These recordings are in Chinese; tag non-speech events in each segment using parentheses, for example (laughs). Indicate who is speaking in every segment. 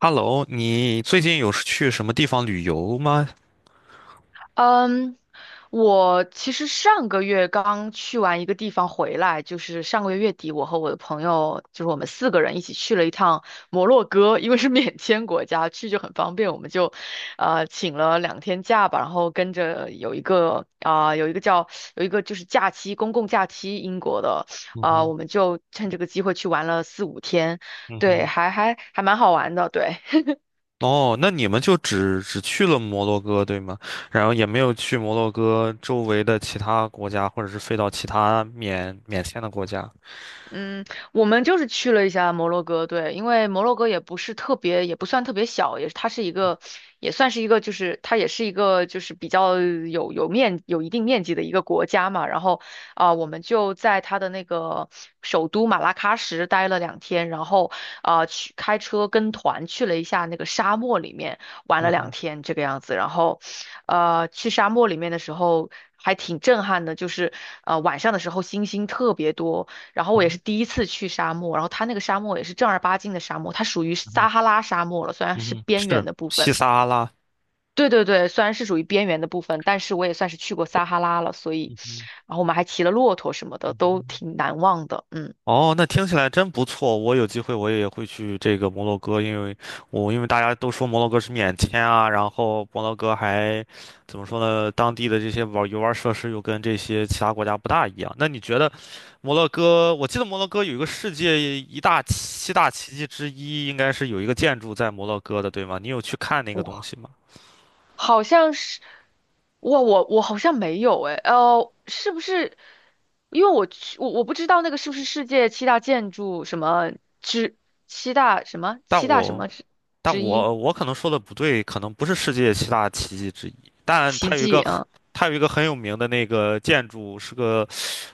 Speaker 1: Hello，你最近有去什么地方旅游吗？
Speaker 2: 嗯，我其实上个月刚去完一个地方回来，就是上个月月底，我和我的朋友，就是我们四个人一起去了一趟摩洛哥，因为是免签国家，去就很方便，我们就，请了两天假吧，然后跟着有一个啊、有一个叫有一个就是假期，公共假期，英国的，
Speaker 1: 嗯哼。
Speaker 2: 我们就趁这个机会去玩了四五天，
Speaker 1: 嗯
Speaker 2: 对，
Speaker 1: 哼。
Speaker 2: 还蛮好玩的，对。
Speaker 1: 哦，那你们就只去了摩洛哥，对吗？然后也没有去摩洛哥周围的其他国家，或者是飞到其他免签的国家。
Speaker 2: 嗯，我们就是去了一下摩洛哥，对，因为摩洛哥也不是特别，也不算特别小，也它是一个，也算是一个，就是它也是一个，就是比较有一定面积的一个国家嘛。然后我们就在它的那个首都马拉喀什待了两天，然后去开车跟团去了一下那个沙漠里面玩了
Speaker 1: 嗯
Speaker 2: 两
Speaker 1: 哼。
Speaker 2: 天这个样子。然后，去沙漠里面的时候还挺震撼的，就是晚上的时候星星特别多。然后我也
Speaker 1: 哦。
Speaker 2: 是第一次去沙漠，然后它那个沙漠也是正儿八经的沙漠，它属于
Speaker 1: 嗯哼。
Speaker 2: 撒哈拉沙漠了，虽然
Speaker 1: 嗯
Speaker 2: 是
Speaker 1: 哼，是
Speaker 2: 边缘的部
Speaker 1: 西
Speaker 2: 分。
Speaker 1: 撒哈拉。
Speaker 2: 对对对，虽然是属于边缘的部分，但是我也算是去过撒哈拉了，所以，
Speaker 1: 嗯哼。
Speaker 2: 然后我们还骑了骆驼什么的，
Speaker 1: 嗯
Speaker 2: 都
Speaker 1: 哼。
Speaker 2: 挺难忘的。嗯，
Speaker 1: 哦，那听起来真不错。我有机会我也会去这个摩洛哥，因为大家都说摩洛哥是免签啊，然后摩洛哥还怎么说呢？当地的这些游玩设施又跟这些其他国家不大一样。那你觉得摩洛哥？我记得摩洛哥有一个世界一大奇七大奇迹之一，应该是有一个建筑在摩洛哥的，对吗？你有去看那个东
Speaker 2: 我
Speaker 1: 西吗？
Speaker 2: 好像是，哇，我好像没有诶，呃，是不是？因为我去，我不知道那个是不是世界七大建筑什么之七大什么
Speaker 1: 但
Speaker 2: 七大什
Speaker 1: 我
Speaker 2: 么之
Speaker 1: 但
Speaker 2: 之一
Speaker 1: 我我可能说的不对，可能不是世界七大奇迹之一，但
Speaker 2: 奇
Speaker 1: 它有一
Speaker 2: 迹
Speaker 1: 个很
Speaker 2: 啊。
Speaker 1: 它有一个很有名的那个建筑，是个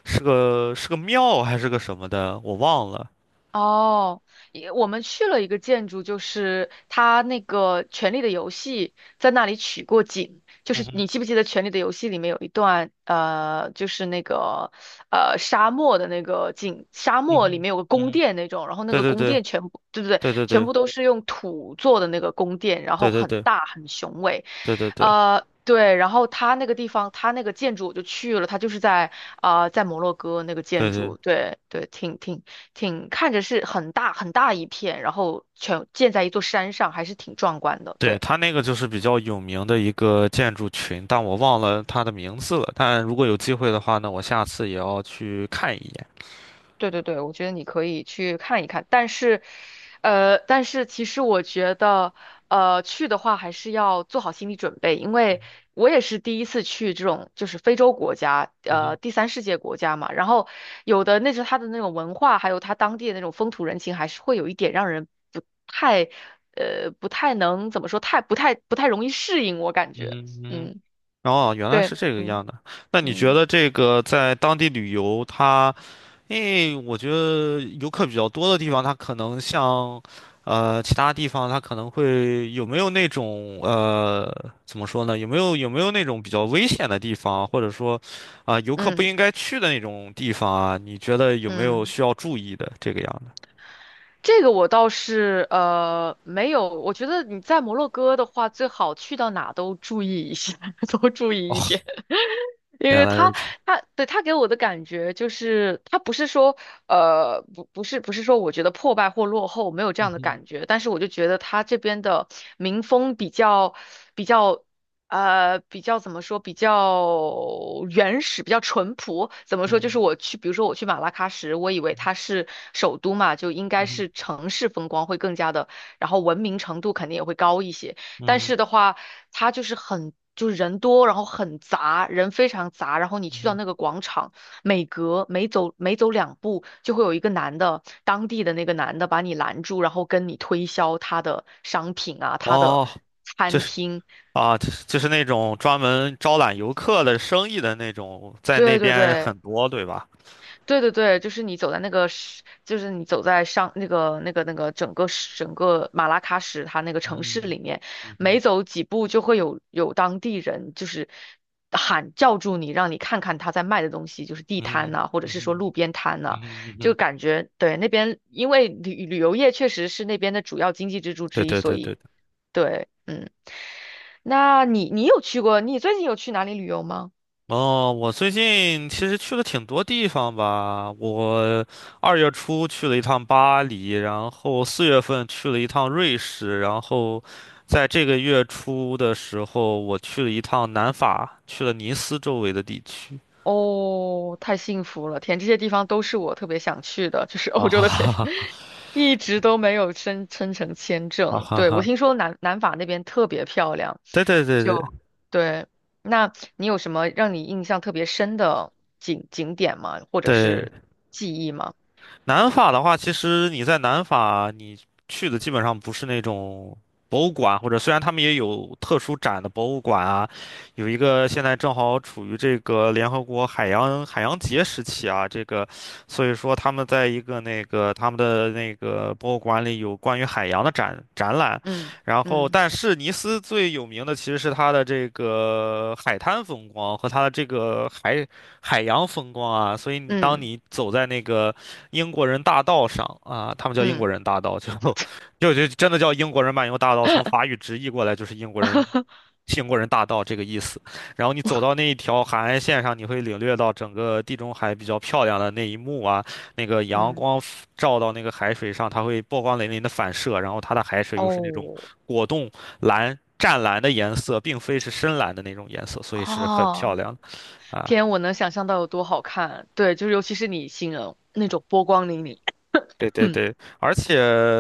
Speaker 1: 是个是个庙还是个什么的，我忘了。
Speaker 2: 哦，也我们去了一个建筑，就是它那个《权力的游戏》在那里取过景，就
Speaker 1: 嗯
Speaker 2: 是
Speaker 1: 哼。
Speaker 2: 你记不记得《权力的游戏》里面有一段，就是那个沙漠的那个景，沙
Speaker 1: 嗯
Speaker 2: 漠里
Speaker 1: 哼。
Speaker 2: 面有个
Speaker 1: 嗯
Speaker 2: 宫
Speaker 1: 哼。
Speaker 2: 殿那种，然后那
Speaker 1: 对
Speaker 2: 个
Speaker 1: 对
Speaker 2: 宫
Speaker 1: 对
Speaker 2: 殿全部，对对对，
Speaker 1: 对对
Speaker 2: 全
Speaker 1: 对
Speaker 2: 部都是用土做的那个宫殿，然
Speaker 1: 对
Speaker 2: 后
Speaker 1: 对
Speaker 2: 很
Speaker 1: 对对
Speaker 2: 大很雄伟。
Speaker 1: 对对
Speaker 2: 对，然后他那个地方，他那个建筑我就去了，他就是在在摩洛哥那个
Speaker 1: 对
Speaker 2: 建
Speaker 1: 对
Speaker 2: 筑，对对，挺,看着是很大很大一片，然后全建在一座山上，还是挺壮观的，
Speaker 1: 对。
Speaker 2: 对。
Speaker 1: 它那个就是比较有名的一个建筑群，但我忘了它的名字了。但如果有机会的话呢，我下次也要去看一眼。
Speaker 2: 对对对，我觉得你可以去看一看，但是，但是其实我觉得，去的话还是要做好心理准备，因为我也是第一次去这种就是非洲国家，
Speaker 1: 嗯哼。
Speaker 2: 第三世界国家嘛，然后有的那是他的那种文化，还有他当地的那种风土人情，还是会有一点让人不太，不太能怎么说，太不太不太容易适应，我感
Speaker 1: 嗯
Speaker 2: 觉，
Speaker 1: 哼。嗯哼。
Speaker 2: 嗯，
Speaker 1: 哦，原来
Speaker 2: 对，
Speaker 1: 是这个
Speaker 2: 嗯
Speaker 1: 样的。那你觉
Speaker 2: 嗯
Speaker 1: 得这个在当地旅游，它，因为我觉得游客比较多的地方，它可能像，其他地方它可能会有没有那种怎么说呢？有没有那种比较危险的地方，或者说，啊、游客不
Speaker 2: 嗯
Speaker 1: 应该去的那种地方啊？你觉得有没有
Speaker 2: 嗯。
Speaker 1: 需要注意的这个样的？
Speaker 2: 这个我倒是没有，我觉得你在摩洛哥的话，最好去到哪都注意一下，(laughs) 多注
Speaker 1: 哦，
Speaker 2: 意一点。因
Speaker 1: 原
Speaker 2: 为
Speaker 1: 来如
Speaker 2: 他
Speaker 1: 此。
Speaker 2: 他对他给我的感觉就是，他不是说不是说我觉得破败或落后没有这样的
Speaker 1: 嗯
Speaker 2: 感觉，但是我就觉得他这边的民风比较比较怎么说比较原始，比较淳朴。怎么说？就是
Speaker 1: 嗯
Speaker 2: 我去，比如说我去马拉喀什，我以为它是首都嘛，就应该
Speaker 1: 嗯
Speaker 2: 是城市风光会更加的，然后文明程度肯定也会高一些。但
Speaker 1: 嗯
Speaker 2: 是的话，它就是很，就是人多，然后很杂，人非常杂。然后你
Speaker 1: 嗯
Speaker 2: 去到
Speaker 1: 嗯。
Speaker 2: 那个广场，每走两步，就会有一个男的，当地的那个男的把你拦住，然后跟你推销他的商品啊，他的
Speaker 1: 哦，这
Speaker 2: 餐
Speaker 1: 是。
Speaker 2: 厅。
Speaker 1: 啊，就是那种专门招揽游客的生意的那种，在那
Speaker 2: 对对
Speaker 1: 边
Speaker 2: 对，
Speaker 1: 很多，对吧？
Speaker 2: 对对对，就是你走在上整个马拉喀什它那个城市里面，
Speaker 1: 嗯哼。
Speaker 2: 每走几步就会有当地人就是喊叫住你，让你看看他在卖的东西，就是地摊
Speaker 1: 嗯哼。
Speaker 2: 呐、或者
Speaker 1: 嗯
Speaker 2: 是说
Speaker 1: 哼。
Speaker 2: 路边摊呐、
Speaker 1: 嗯哼。嗯
Speaker 2: 就
Speaker 1: 哼。
Speaker 2: 感觉对那边，因为旅游业确实是那边的主要经济支柱
Speaker 1: 对
Speaker 2: 之一，
Speaker 1: 对
Speaker 2: 所
Speaker 1: 对
Speaker 2: 以
Speaker 1: 对对。
Speaker 2: 对，嗯，那你有去过，你最近有去哪里旅游吗？
Speaker 1: 哦，我最近其实去了挺多地方吧。我2月初去了一趟巴黎，然后4月份去了一趟瑞士，然后在这个月初的时候，我去了一趟南法，去了尼斯周围的地区。
Speaker 2: 哦，太幸福了！天，这些地方都是我特别想去的，就是
Speaker 1: 啊
Speaker 2: 欧洲
Speaker 1: 哈
Speaker 2: 的天，
Speaker 1: 哈哈，
Speaker 2: (laughs) 一直都没有申成签
Speaker 1: 啊
Speaker 2: 证。
Speaker 1: 哈
Speaker 2: 对，我
Speaker 1: 哈，
Speaker 2: 听说南法那边特别漂亮，
Speaker 1: 对对对
Speaker 2: 就
Speaker 1: 对
Speaker 2: 对。那你有什么让你印象特别深的景点吗？或者
Speaker 1: 对。
Speaker 2: 是记忆吗？
Speaker 1: 南法的话，其实你在南法，你去的基本上不是那种博物馆，或者虽然他们也有特殊展的博物馆啊，有一个现在正好处于这个联合国海洋节时期啊，这个，所以说他们在一个那个他们的那个博物馆里有关于海洋的展览，
Speaker 2: 嗯
Speaker 1: 然后
Speaker 2: 嗯
Speaker 1: 但是尼斯最有名的其实是它的这个海滩风光和它的这个海洋风光啊，所以你当
Speaker 2: 嗯
Speaker 1: 你走在那个。英国人大道上啊，他们叫英
Speaker 2: 嗯
Speaker 1: 国人大道，就 (laughs) 就真的叫英国人漫游大道，从法语直译过来就是英国人
Speaker 2: (laughs)
Speaker 1: 英国人大道这个意思。然后你走到那一条海岸线上，你会领略到整个地中海比较漂亮的那一幕啊，那个阳
Speaker 2: 嗯，
Speaker 1: 光 照到那个海水上，它会波光粼粼的反射，然后它的海水又是那种
Speaker 2: 哦
Speaker 1: 果冻蓝。湛蓝的颜色，并非是深蓝的那种颜色，所以是很漂
Speaker 2: 哦，
Speaker 1: 亮的啊。
Speaker 2: 天，我能想象到有多好看。对，就是尤其是你形容那种波光粼粼。
Speaker 1: 对对对。
Speaker 2: (clears throat)
Speaker 1: 而且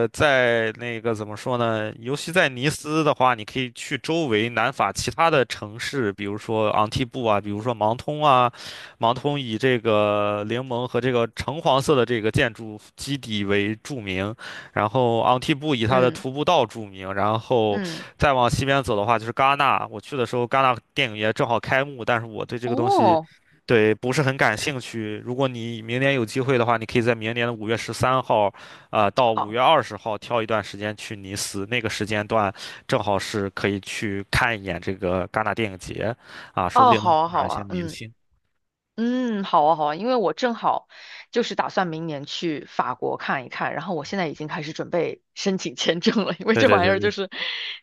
Speaker 1: 在那个怎么说呢？尤其在尼斯的话，你可以去周围南法其他的城市，比如说昂蒂布啊，比如说芒通啊。芒通以这个柠檬和这个橙黄色的这个建筑基底为著名，然后昂蒂布以它的
Speaker 2: 嗯
Speaker 1: 徒步道著名，然后
Speaker 2: 嗯，
Speaker 1: 再往西边走的话就是戛纳。我去的时候，戛纳电影节正好开幕，但是我对这个东西，
Speaker 2: 哦，
Speaker 1: 对，不是很感兴趣。如果你明年有机会的话，你可以在明年的5月13号，到五
Speaker 2: 好，
Speaker 1: 月二十号挑一段时间去尼斯，那个时间段正好是可以去看一眼这个戛纳电影节，啊，说不
Speaker 2: 哦，
Speaker 1: 定能
Speaker 2: 好啊，
Speaker 1: 碰
Speaker 2: 好
Speaker 1: 上一些
Speaker 2: 啊，
Speaker 1: 明
Speaker 2: 嗯
Speaker 1: 星。
Speaker 2: 嗯，好啊，好啊，因为我正好就是打算明年去法国看一看，然后我现在已经开始准备申请签证了，因为
Speaker 1: 对
Speaker 2: 这
Speaker 1: 对
Speaker 2: 玩意儿就
Speaker 1: 对
Speaker 2: 是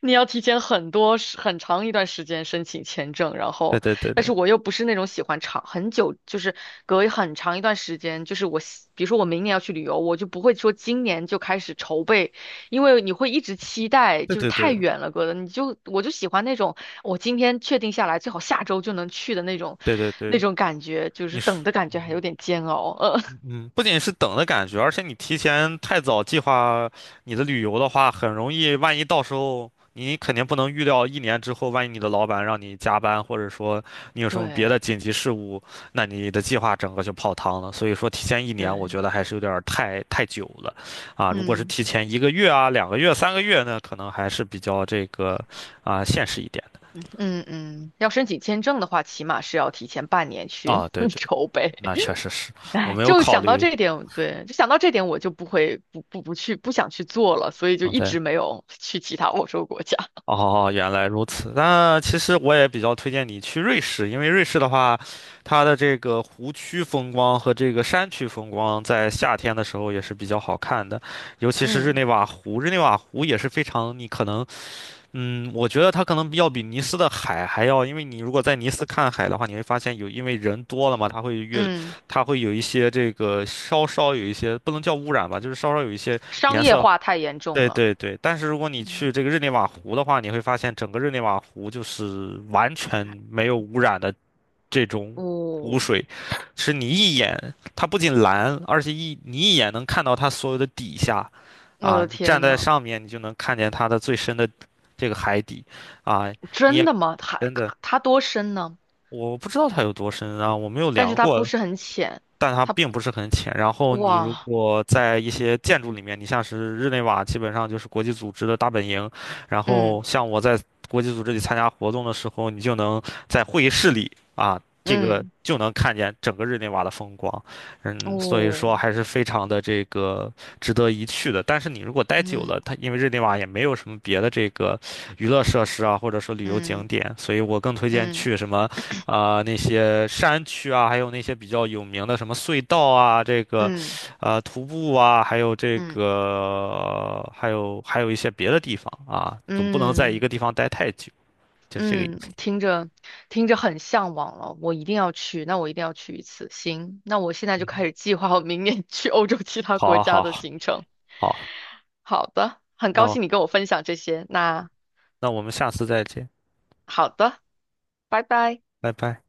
Speaker 2: 你要提前很长一段时间申请签证，然
Speaker 1: 对
Speaker 2: 后
Speaker 1: 对对
Speaker 2: 但
Speaker 1: 对对
Speaker 2: 是我又不是那种喜欢长很久，就是隔很长一段时间，就是比如说我明年要去旅游，我就不会说今年就开始筹备。因为你会一直期待，就是太
Speaker 1: 对
Speaker 2: 远了，哥的，我就喜欢那种我今天确定下来，最好下周就能去的那种，
Speaker 1: 对对对
Speaker 2: 那
Speaker 1: 对，
Speaker 2: 种感觉，就是
Speaker 1: 你
Speaker 2: 等
Speaker 1: 是。
Speaker 2: 的感觉还有点煎熬。
Speaker 1: 嗯,不仅是等的感觉，而且你提前太早计划你的旅游的话，很容易，万一到时候你肯定不能预料一年之后，万一你的老板让你加班，或者说你有
Speaker 2: (laughs)
Speaker 1: 什么别
Speaker 2: 对
Speaker 1: 的紧急事务，那你的计划整个就泡汤了。所以说，提前一年，我
Speaker 2: 对，
Speaker 1: 觉得还是有点儿太久了，啊，如果是
Speaker 2: 嗯
Speaker 1: 提前一个月啊、2个月、3个月呢，可能还是比较这个啊现实一点的。
Speaker 2: 嗯嗯嗯，要申请签证的话，起码是要提前半年去
Speaker 1: 啊，对
Speaker 2: (laughs)
Speaker 1: 对，
Speaker 2: 筹备。
Speaker 1: 那确实是我
Speaker 2: 哎，
Speaker 1: 没有
Speaker 2: 就
Speaker 1: 考
Speaker 2: 想到
Speaker 1: 虑
Speaker 2: 这一点，对，就想到这点，我就不会不不不去不想去做了，所以就
Speaker 1: 啊，
Speaker 2: 一
Speaker 1: 对。
Speaker 2: 直没有去其他欧洲国家。(laughs)
Speaker 1: 哦，哦哦原来如此。那其实我也比较推荐你去瑞士，因为瑞士的话，它的这个湖区风光和这个山区风光，在夏天的时候也是比较好看的，尤其是日
Speaker 2: 嗯
Speaker 1: 内瓦湖。日内瓦湖也是非常，你可能，我觉得它可能要比尼斯的海还要，因为你如果在尼斯看海的话，你会发现有，因为人多了嘛，它会越，
Speaker 2: 嗯，
Speaker 1: 它会有一些这个稍稍有一些，不能叫污染吧，就是稍稍有一些
Speaker 2: (laughs) 商
Speaker 1: 颜
Speaker 2: 业
Speaker 1: 色。
Speaker 2: 化太严重
Speaker 1: 对
Speaker 2: 了。
Speaker 1: 对对。但是如果你
Speaker 2: 嗯，
Speaker 1: 去这个日内瓦湖的话，你会发现整个日内瓦湖就是完全没有污染的这种湖
Speaker 2: 哦。
Speaker 1: 水，是你一眼，它不仅蓝，而且你一眼能看到它所有的底下，
Speaker 2: 我
Speaker 1: 啊，
Speaker 2: 的
Speaker 1: 你站
Speaker 2: 天
Speaker 1: 在
Speaker 2: 呐，
Speaker 1: 上面你就能看见它的最深的这个海底，啊，你也
Speaker 2: 真的吗？它
Speaker 1: 真的
Speaker 2: 它多深呢？
Speaker 1: 我不知道它有多深啊，我没有
Speaker 2: 但是
Speaker 1: 量
Speaker 2: 它不
Speaker 1: 过，
Speaker 2: 是很浅，
Speaker 1: 但它
Speaker 2: 它
Speaker 1: 并不是很浅。然后你如
Speaker 2: 哇，
Speaker 1: 果在一些建筑里面，你像是日内瓦，基本上就是国际组织的大本营。然
Speaker 2: 嗯
Speaker 1: 后像我在国际组织里参加活动的时候，你就能在会议室里啊，这个
Speaker 2: 嗯
Speaker 1: 就能看见整个日内瓦的风光。嗯，所以
Speaker 2: 哦，
Speaker 1: 说还是非常的这个值得一去的。但是你如果待久了，
Speaker 2: 嗯
Speaker 1: 它因为日内瓦也没有什么别的这个娱乐设施啊，或者说旅游
Speaker 2: 嗯
Speaker 1: 景点，所以我更推荐
Speaker 2: 嗯
Speaker 1: 去什么。啊、那些山区啊，还有那些比较有名的什么隧道啊，这个，
Speaker 2: 嗯
Speaker 1: 徒步啊，还有这
Speaker 2: 嗯
Speaker 1: 个，还有一些别的地方啊，总不能在一
Speaker 2: 嗯
Speaker 1: 个地方待太久，就是这个意思。
Speaker 2: 嗯，听着听着很向往了，我一定要去，那我一定要去一次。行，那我现在就
Speaker 1: 嗯
Speaker 2: 开
Speaker 1: 哼。
Speaker 2: 始计划我明年 (laughs) 去欧洲其他国
Speaker 1: 好，
Speaker 2: 家
Speaker 1: 好，
Speaker 2: 的行程。
Speaker 1: 好，
Speaker 2: 好的，很
Speaker 1: 那
Speaker 2: 高
Speaker 1: 我
Speaker 2: 兴你跟我分享这些。那
Speaker 1: 那我们下次再见，
Speaker 2: 好的，拜拜。
Speaker 1: 拜拜。